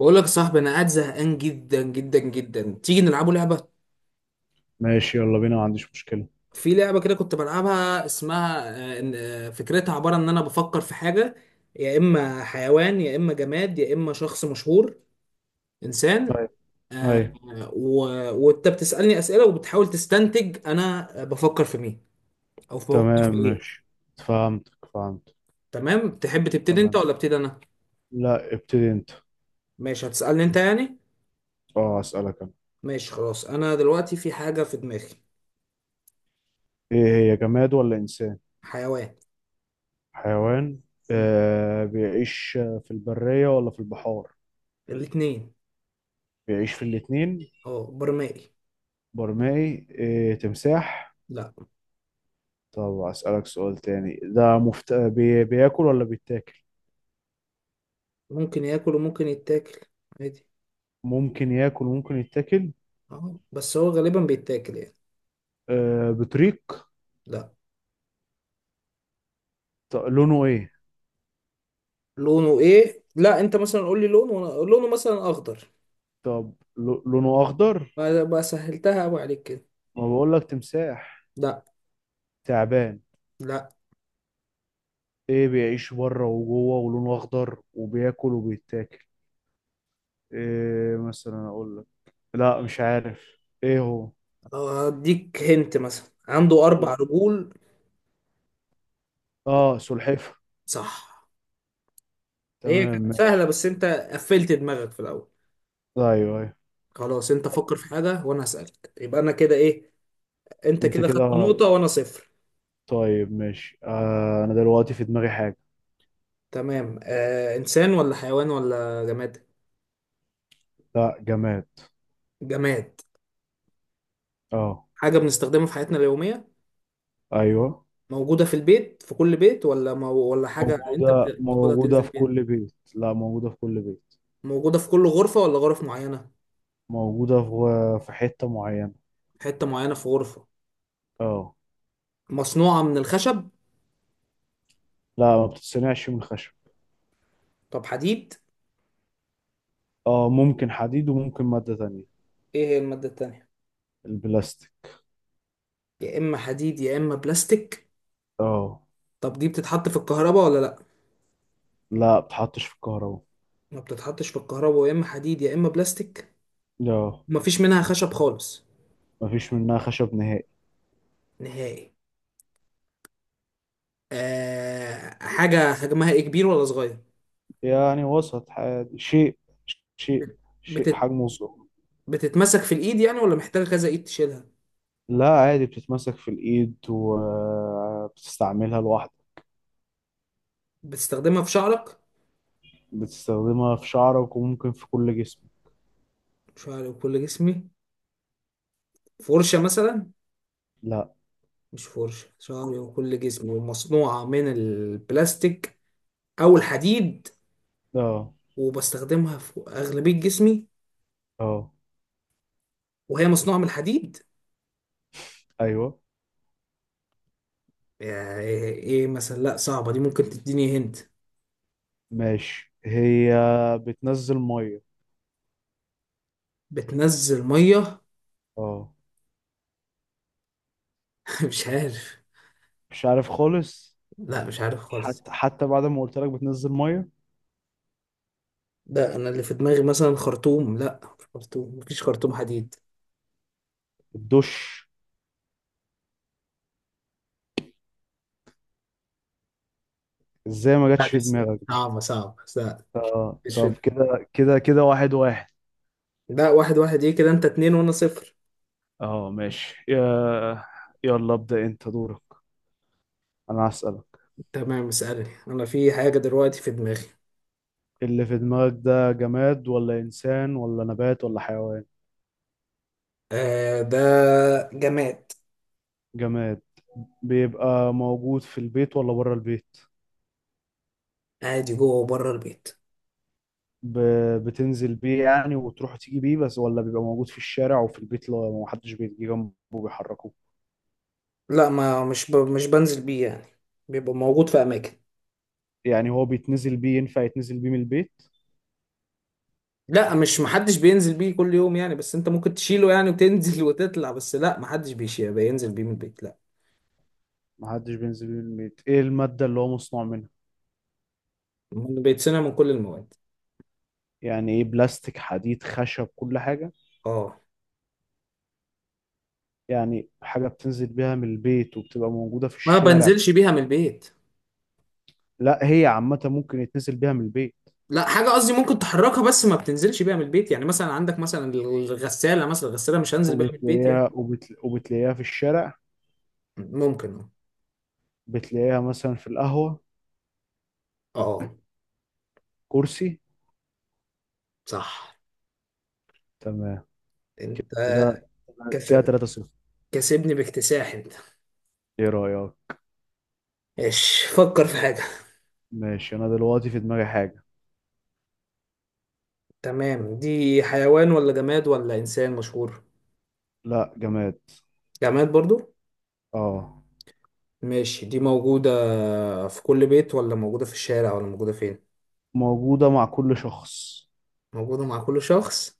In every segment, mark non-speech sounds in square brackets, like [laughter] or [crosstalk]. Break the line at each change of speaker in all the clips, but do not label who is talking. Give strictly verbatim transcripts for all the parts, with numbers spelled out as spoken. بقول لك يا صاحبي، انا قاعد زهقان جدا جدا جدا. تيجي نلعبوا لعبه؟
ماشي، يلا بينا، ما عنديش مشكلة.
في لعبه كده كنت بلعبها اسمها آه، إن- آه، فكرتها عباره ان انا بفكر في حاجه. يا اما حيوان يا اما جماد يا اما شخص مشهور، انسان.
طيب. أيوة.
آه، و- وانت بتسالني اسئله وبتحاول تستنتج انا آه، بفكر في مين او بفكر
تمام
في ايه.
ماشي. فهمتك فهمت.
تمام، تحب تبتدي انت
تمام.
ولا ابتدي انا؟
لا، ابتدي أنت.
ماشي، هتسالني انت يعني.
أه، أسألك أنا.
ماشي خلاص، انا دلوقتي في حاجه في دماغي.
إيه؟ هي جماد ولا إنسان؟
حيوان.
حيوان؟
م.
آه، بيعيش في البرية ولا في البحار؟
الاتنين.
بيعيش في الاتنين؟
اه برمائي.
برمائي؟ إيه، تمساح؟
لا.
طب أسألك سؤال تاني. ده مفت... بي... بياكل ولا بيتاكل؟
ممكن ياكل وممكن يتاكل، عادي.
ممكن ياكل، ممكن يتاكل.
اه بس هو غالبا بيتاكل يعني.
آه، بطريق؟
لا.
طب لونه إيه؟
لونه ايه؟ لا، انت مثلا قول لي لونه، وانا لونه مثلا اخضر.
طب ل... لونه أخضر؟
ما ما سهلتها قوي عليك كده.
ما بقول لك تمساح.
لا.
تعبان.
لا.
ايه، بيعيش بره وجوه ولونه اخضر وبياكل وبيتاكل. ايه مثلا اقول لك؟ لا، مش عارف ايه هو.
اديك هنت، مثلا عنده اربع
هو.
رجول.
اه، سلحفة.
صح. هي
تمام
كانت سهله
ماشي.
بس انت قفلت دماغك في الاول.
ايوه، ايوه.
خلاص انت فكر في حاجه وانا هسالك، يبقى انا كده ايه؟ انت
انت
كده خدت
كده.
نقطه وانا صفر.
طيب ماشي. آه، انا دلوقتي في دماغي حاجة.
تمام، آه انسان ولا حيوان ولا جماد؟
لا، جماد.
جماد.
اه.
حاجه بنستخدمها في حياتنا اليوميه؟
ايوه.
موجودة في البيت، في كل بيت، ولا مو... ولا حاجة انت
موجودة
بتاخدها
موجودة
تنزل
في
بيها؟
كل بيت. لا، موجودة في كل بيت.
موجودة في كل غرفة ولا غرف معينة؟
موجودة في في حتة معينة.
حتة معينة في غرفة.
اه.
مصنوعة من الخشب؟
لا، ما بتتصنعش من خشب.
طب حديد؟
اه، ممكن حديد وممكن مادة تانية.
ايه هي المادة التانية؟
البلاستيك.
يا اما حديد يا اما بلاستيك.
اه.
طب دي بتتحط في الكهرباء ولا لا؟
لا، بتحطش في الكهرباء.
ما بتتحطش في الكهرباء، يا اما حديد يا اما بلاستيك.
اه.
مفيش منها خشب خالص؟
مفيش منها خشب نهائي.
نهائي. أه... حاجة حجمها ايه، كبير ولا صغير؟
يعني وسط، عادي. شيء. شيء
بت...
شيء
بتت...
حجمه صغير.
بتتمسك في الايد يعني ولا محتاجة كذا ايد تشيلها؟
لا، عادي بتتمسك في الإيد وبتستعملها لوحدك.
بتستخدمها في شعرك؟
بتستخدمها في شعرك وممكن في كل جسمك.
شعري وكل جسمي. فرشة مثلا؟
لا.
مش فرشة، شعري وكل جسمي ومصنوعة من البلاستيك أو الحديد،
اه.
وبستخدمها في أغلبية جسمي
اه.
وهي مصنوعة من الحديد.
ايوه
يا إيه إيه مثلا؟ لأ صعبة دي، ممكن تديني هنت.
ماشي. هي بتنزل ميه.
بتنزل مية.
اه.
[laughs] مش عارف.
مش عارف خالص.
لأ مش عارف خالص.
حتى حتى بعد ما قلت لك بتنزل ميه.
ده أنا اللي في دماغي مثلا خرطوم، لأ مش خرطوم، مفيش خرطوم حديد.
الدش. ازاي ما
لا،
جاتش
دي
في
س-
دماغك؟
صعبة صعبة، لأ.
اه
مش
طب.
في-
كده كده كده، واحد واحد.
لأ. واحد واحد إيه كده، أنت اتنين وأنا صفر.
اه ماشي يا- يلا ابدأ انت دورك. انا هسألك.
تمام اسألني، أنا في حاجة دلوقتي في دماغي.
اللي في دماغك ده جماد ولا انسان ولا نبات ولا حيوان؟
آه ده جماد.
جماد. بيبقى موجود في البيت ولا بره البيت؟
عادي، جوه وبره البيت.
ب... بتنزل بيه يعني وتروح وتيجي بيه بس، ولا بيبقى موجود في الشارع وفي البيت لو محدش بيجي جنبه بيحركه؟
لا، ما مش ب... مش بنزل بيه يعني، بيبقى موجود في أماكن.
يعني هو بيتنزل بيه؟ ينفع يتنزل بيه من البيت؟
لا، مش محدش بينزل بيه كل يوم يعني، بس أنت ممكن تشيله يعني وتنزل [laughs] وتطلع، بس لا محدش بيشيل بينزل بيه من البيت، لا.
محدش بينزل بيه من البيت. ايه المادة اللي هو مصنوع منها؟
من- بيتصنع من كل المواد.
يعني ايه، بلاستيك حديد خشب كل حاجة؟
اه.
يعني حاجة بتنزل بيها من البيت وبتبقى موجودة في
ما
الشارع.
بنزلش بيها من البيت.
لا هي عامة، ممكن يتنزل بيها من البيت
لا حاجة، قصدي ممكن تحركها بس ما بتنزلش بيها من البيت، يعني مثلا عندك مثلا الغسالة، مثلا الغسالة مش هنزل بيها من البيت يعني.
وبتلاقيها وبتل... وبتلاقيها في الشارع.
ممكن.
بتلاقيها مثلا في القهوة.
اه. آه،
كرسي.
صح.
تمام.
انت
كده.
كس...
كده ثلاثة صفر.
كسبني باكتساح انت.
ايه رأيك؟
ماشي، فكر في حاجة.
ماشي، انا دلوقتي في دماغي حاجة.
تمام، دي حيوان ولا جماد ولا انسان مشهور؟
لا، جماد.
جماد برضو.
اه.
ماشي، دي موجودة في كل بيت ولا موجودة في الشارع ولا موجودة فين؟
موجودة مع كل شخص.
موجودة مع كل شخص.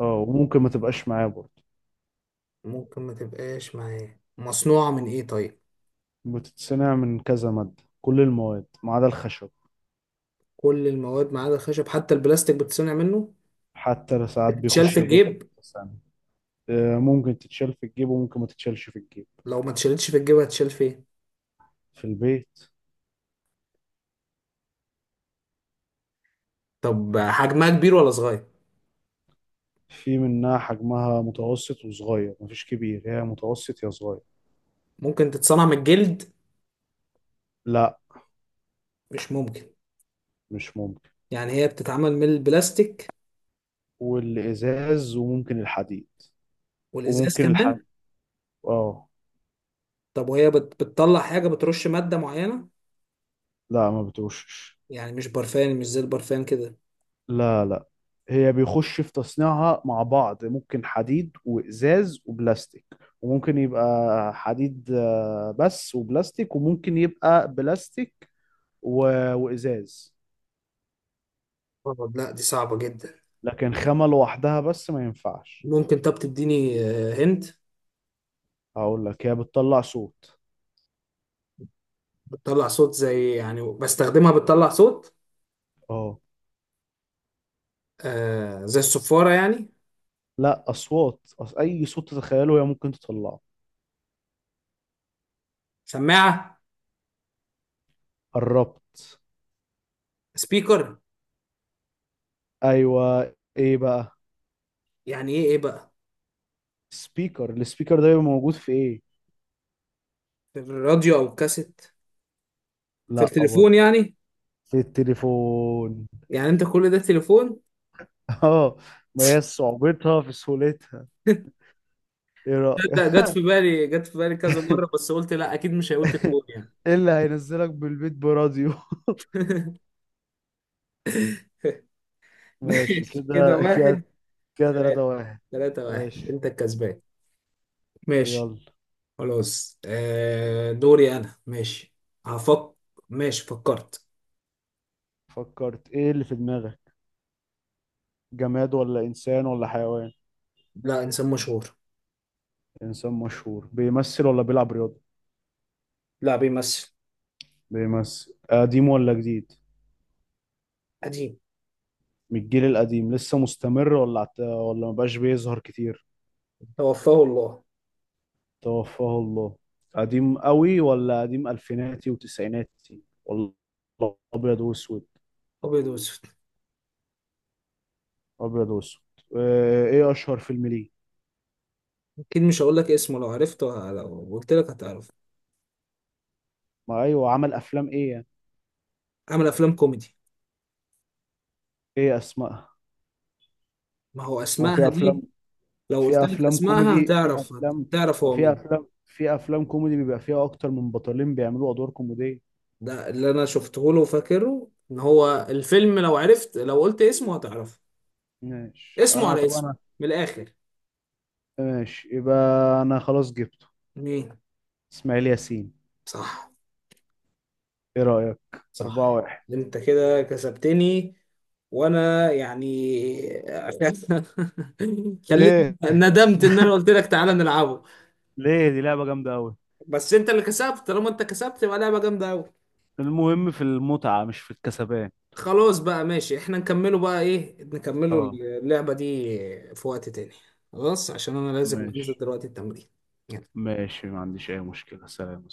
اه وممكن ما تبقاش معاه برضه.
ممكن ما تبقاش معاه. مصنوعة من ايه طيب؟
بتتصنع من كذا مادة، كل المواد ما عدا الخشب.
كل المواد ما عدا الخشب. حتى البلاستيك بتصنع منه.
حتى ساعات
بتتشال
بيخش
في
الباب.
الجيب؟
آه، ممكن تتشال في الجيب وممكن ما تتشالش في الجيب.
لو ما اتشالتش في الجيب هتشال فين؟
في البيت.
طب حجمها كبير ولا صغير؟
في منها حجمها متوسط وصغير، مفيش كبير، هي متوسط يا صغير.
ممكن تتصنع من الجلد؟
لا.
مش ممكن.
مش ممكن.
يعني هي بتتعمل من البلاستيك.
والإزاز وممكن الحديد.
والازاز
وممكن الحديد.
كمان.
اه.
طب وهي بت... بتطلع حاجه، بترش ماده معينه؟
لا، ما بتوشش.
يعني مش برفان، مش زي البرفان كده.
لا لا. هي بيخش في تصنيعها مع بعض، ممكن حديد وإزاز وبلاستيك. وممكن يبقى حديد آه، بس، وبلاستيك، وممكن يبقى بلاستيك و... وإزاز.
آه، لا دي صعبة جدا.
لكن خامة لوحدها بس ما ينفعش.
ممكن طب تديني. هند.
هقول لك، هي بتطلع صوت.
بتطلع صوت؟ زي يعني بستخدمها بتطلع صوت؟
اه.
آه زي الصفارة يعني.
لا اصوات، أص... اي صوت تتخيله هي ممكن تطلعه.
سماعه.
قربت.
سبيكر.
ايوه. ايه بقى؟
يعني ايه ايه بقى؟
سبيكر. السبيكر ده بيبقى موجود في ايه؟
في الراديو أو الكاسيت. في
لا برضه.
التليفون يعني؟
في التليفون.
يعني انت كل ده تليفون؟ [laughs]
[laughs] اه. ما هي صعوبتها في سهولتها. ايه رأيك؟
تصدق جت في بالي، جت في بالي كذا مرة، بس قلت لا أكيد مش هيقول تليفون
[laughs]
يعني.
ايه اللي هينزلك بالبيت براديو؟ [laughs] ماشي
ماشي [laughs]
كده.
كده
كده.
واحد.
كده
ثلاثة.
ثلاثة واحد.
ثلاثة واحد،
ماشي.
انت الكسبان. ماشي.
يلا.
خلاص، آه دوري انا. ماشي، هفك. ماشي، فكرت.
فكرت؟ ايه اللي في دماغك؟ جماد ولا إنسان ولا حيوان؟
لا انسان مشهور.
إنسان مشهور. بيمثل ولا بيلعب رياضة؟
لا بيمثل.
بيمثل. قديم ولا جديد؟
قديم.
من الجيل القديم لسه مستمر، ولا عت... ولا مبقاش بيظهر كتير؟
توفاه الله.
توفاه الله. قديم قوي ولا قديم ألفيناتي وتسعيناتي ولا؟ أبيض وأسود؟
ابيض واسود.
أبيض وأسود. آه، إيه أشهر فيلم ليه؟
اكيد مش هقول لك اسمه، لو عرفته لو قلت لك هتعرف.
ما أيوه، عمل أفلام إيه يعني؟
عمل افلام كوميدي.
إيه أسمائها؟
ما هو
هو في
اسمائها دي،
أفلام؟
لو قلت
في
لك
أفلام
اسمائها
كوميدي، في
هتعرف،
أفلام،
هتعرف هو
وفي
مين.
أفلام، في أفلام كوميدي بيبقى فيها أكتر من بطلين بيعملوا أدوار كوميدية.
ده اللي انا شفته له وفاكره ان هو الفيلم، لو عرفت لو قلت اسمه هتعرفه.
ماشي
اسمه
انا،
على
طب
اسمه،
انا.
من الاخر.
ماشي يبقى. انا خلاص جبته.
مين؟
اسماعيل ياسين.
صح.
ايه رأيك؟
صح.
أربعة واحد.
انت كده كسبتني، وانا يعني [laughs] خليت،
ايه؟
ندمت ان انا قلت لك تعالى نلعبه.
ليه؟ دي لعبة جامدة أوي.
بس انت اللي كسبت، طالما انت كسبت يبقى لعبة جامدة قوي.
المهم في المتعة مش في الكسبان.
خلاص بقى، ماشي، احنا نكمله بقى، ايه نكمله
اه.
اللعبة دي في وقت تاني، خلاص، عشان انا لازم انزل
ماشي.
دلوقتي التمرين.
ماشي، ما عنديش اي مشكلة، سلام.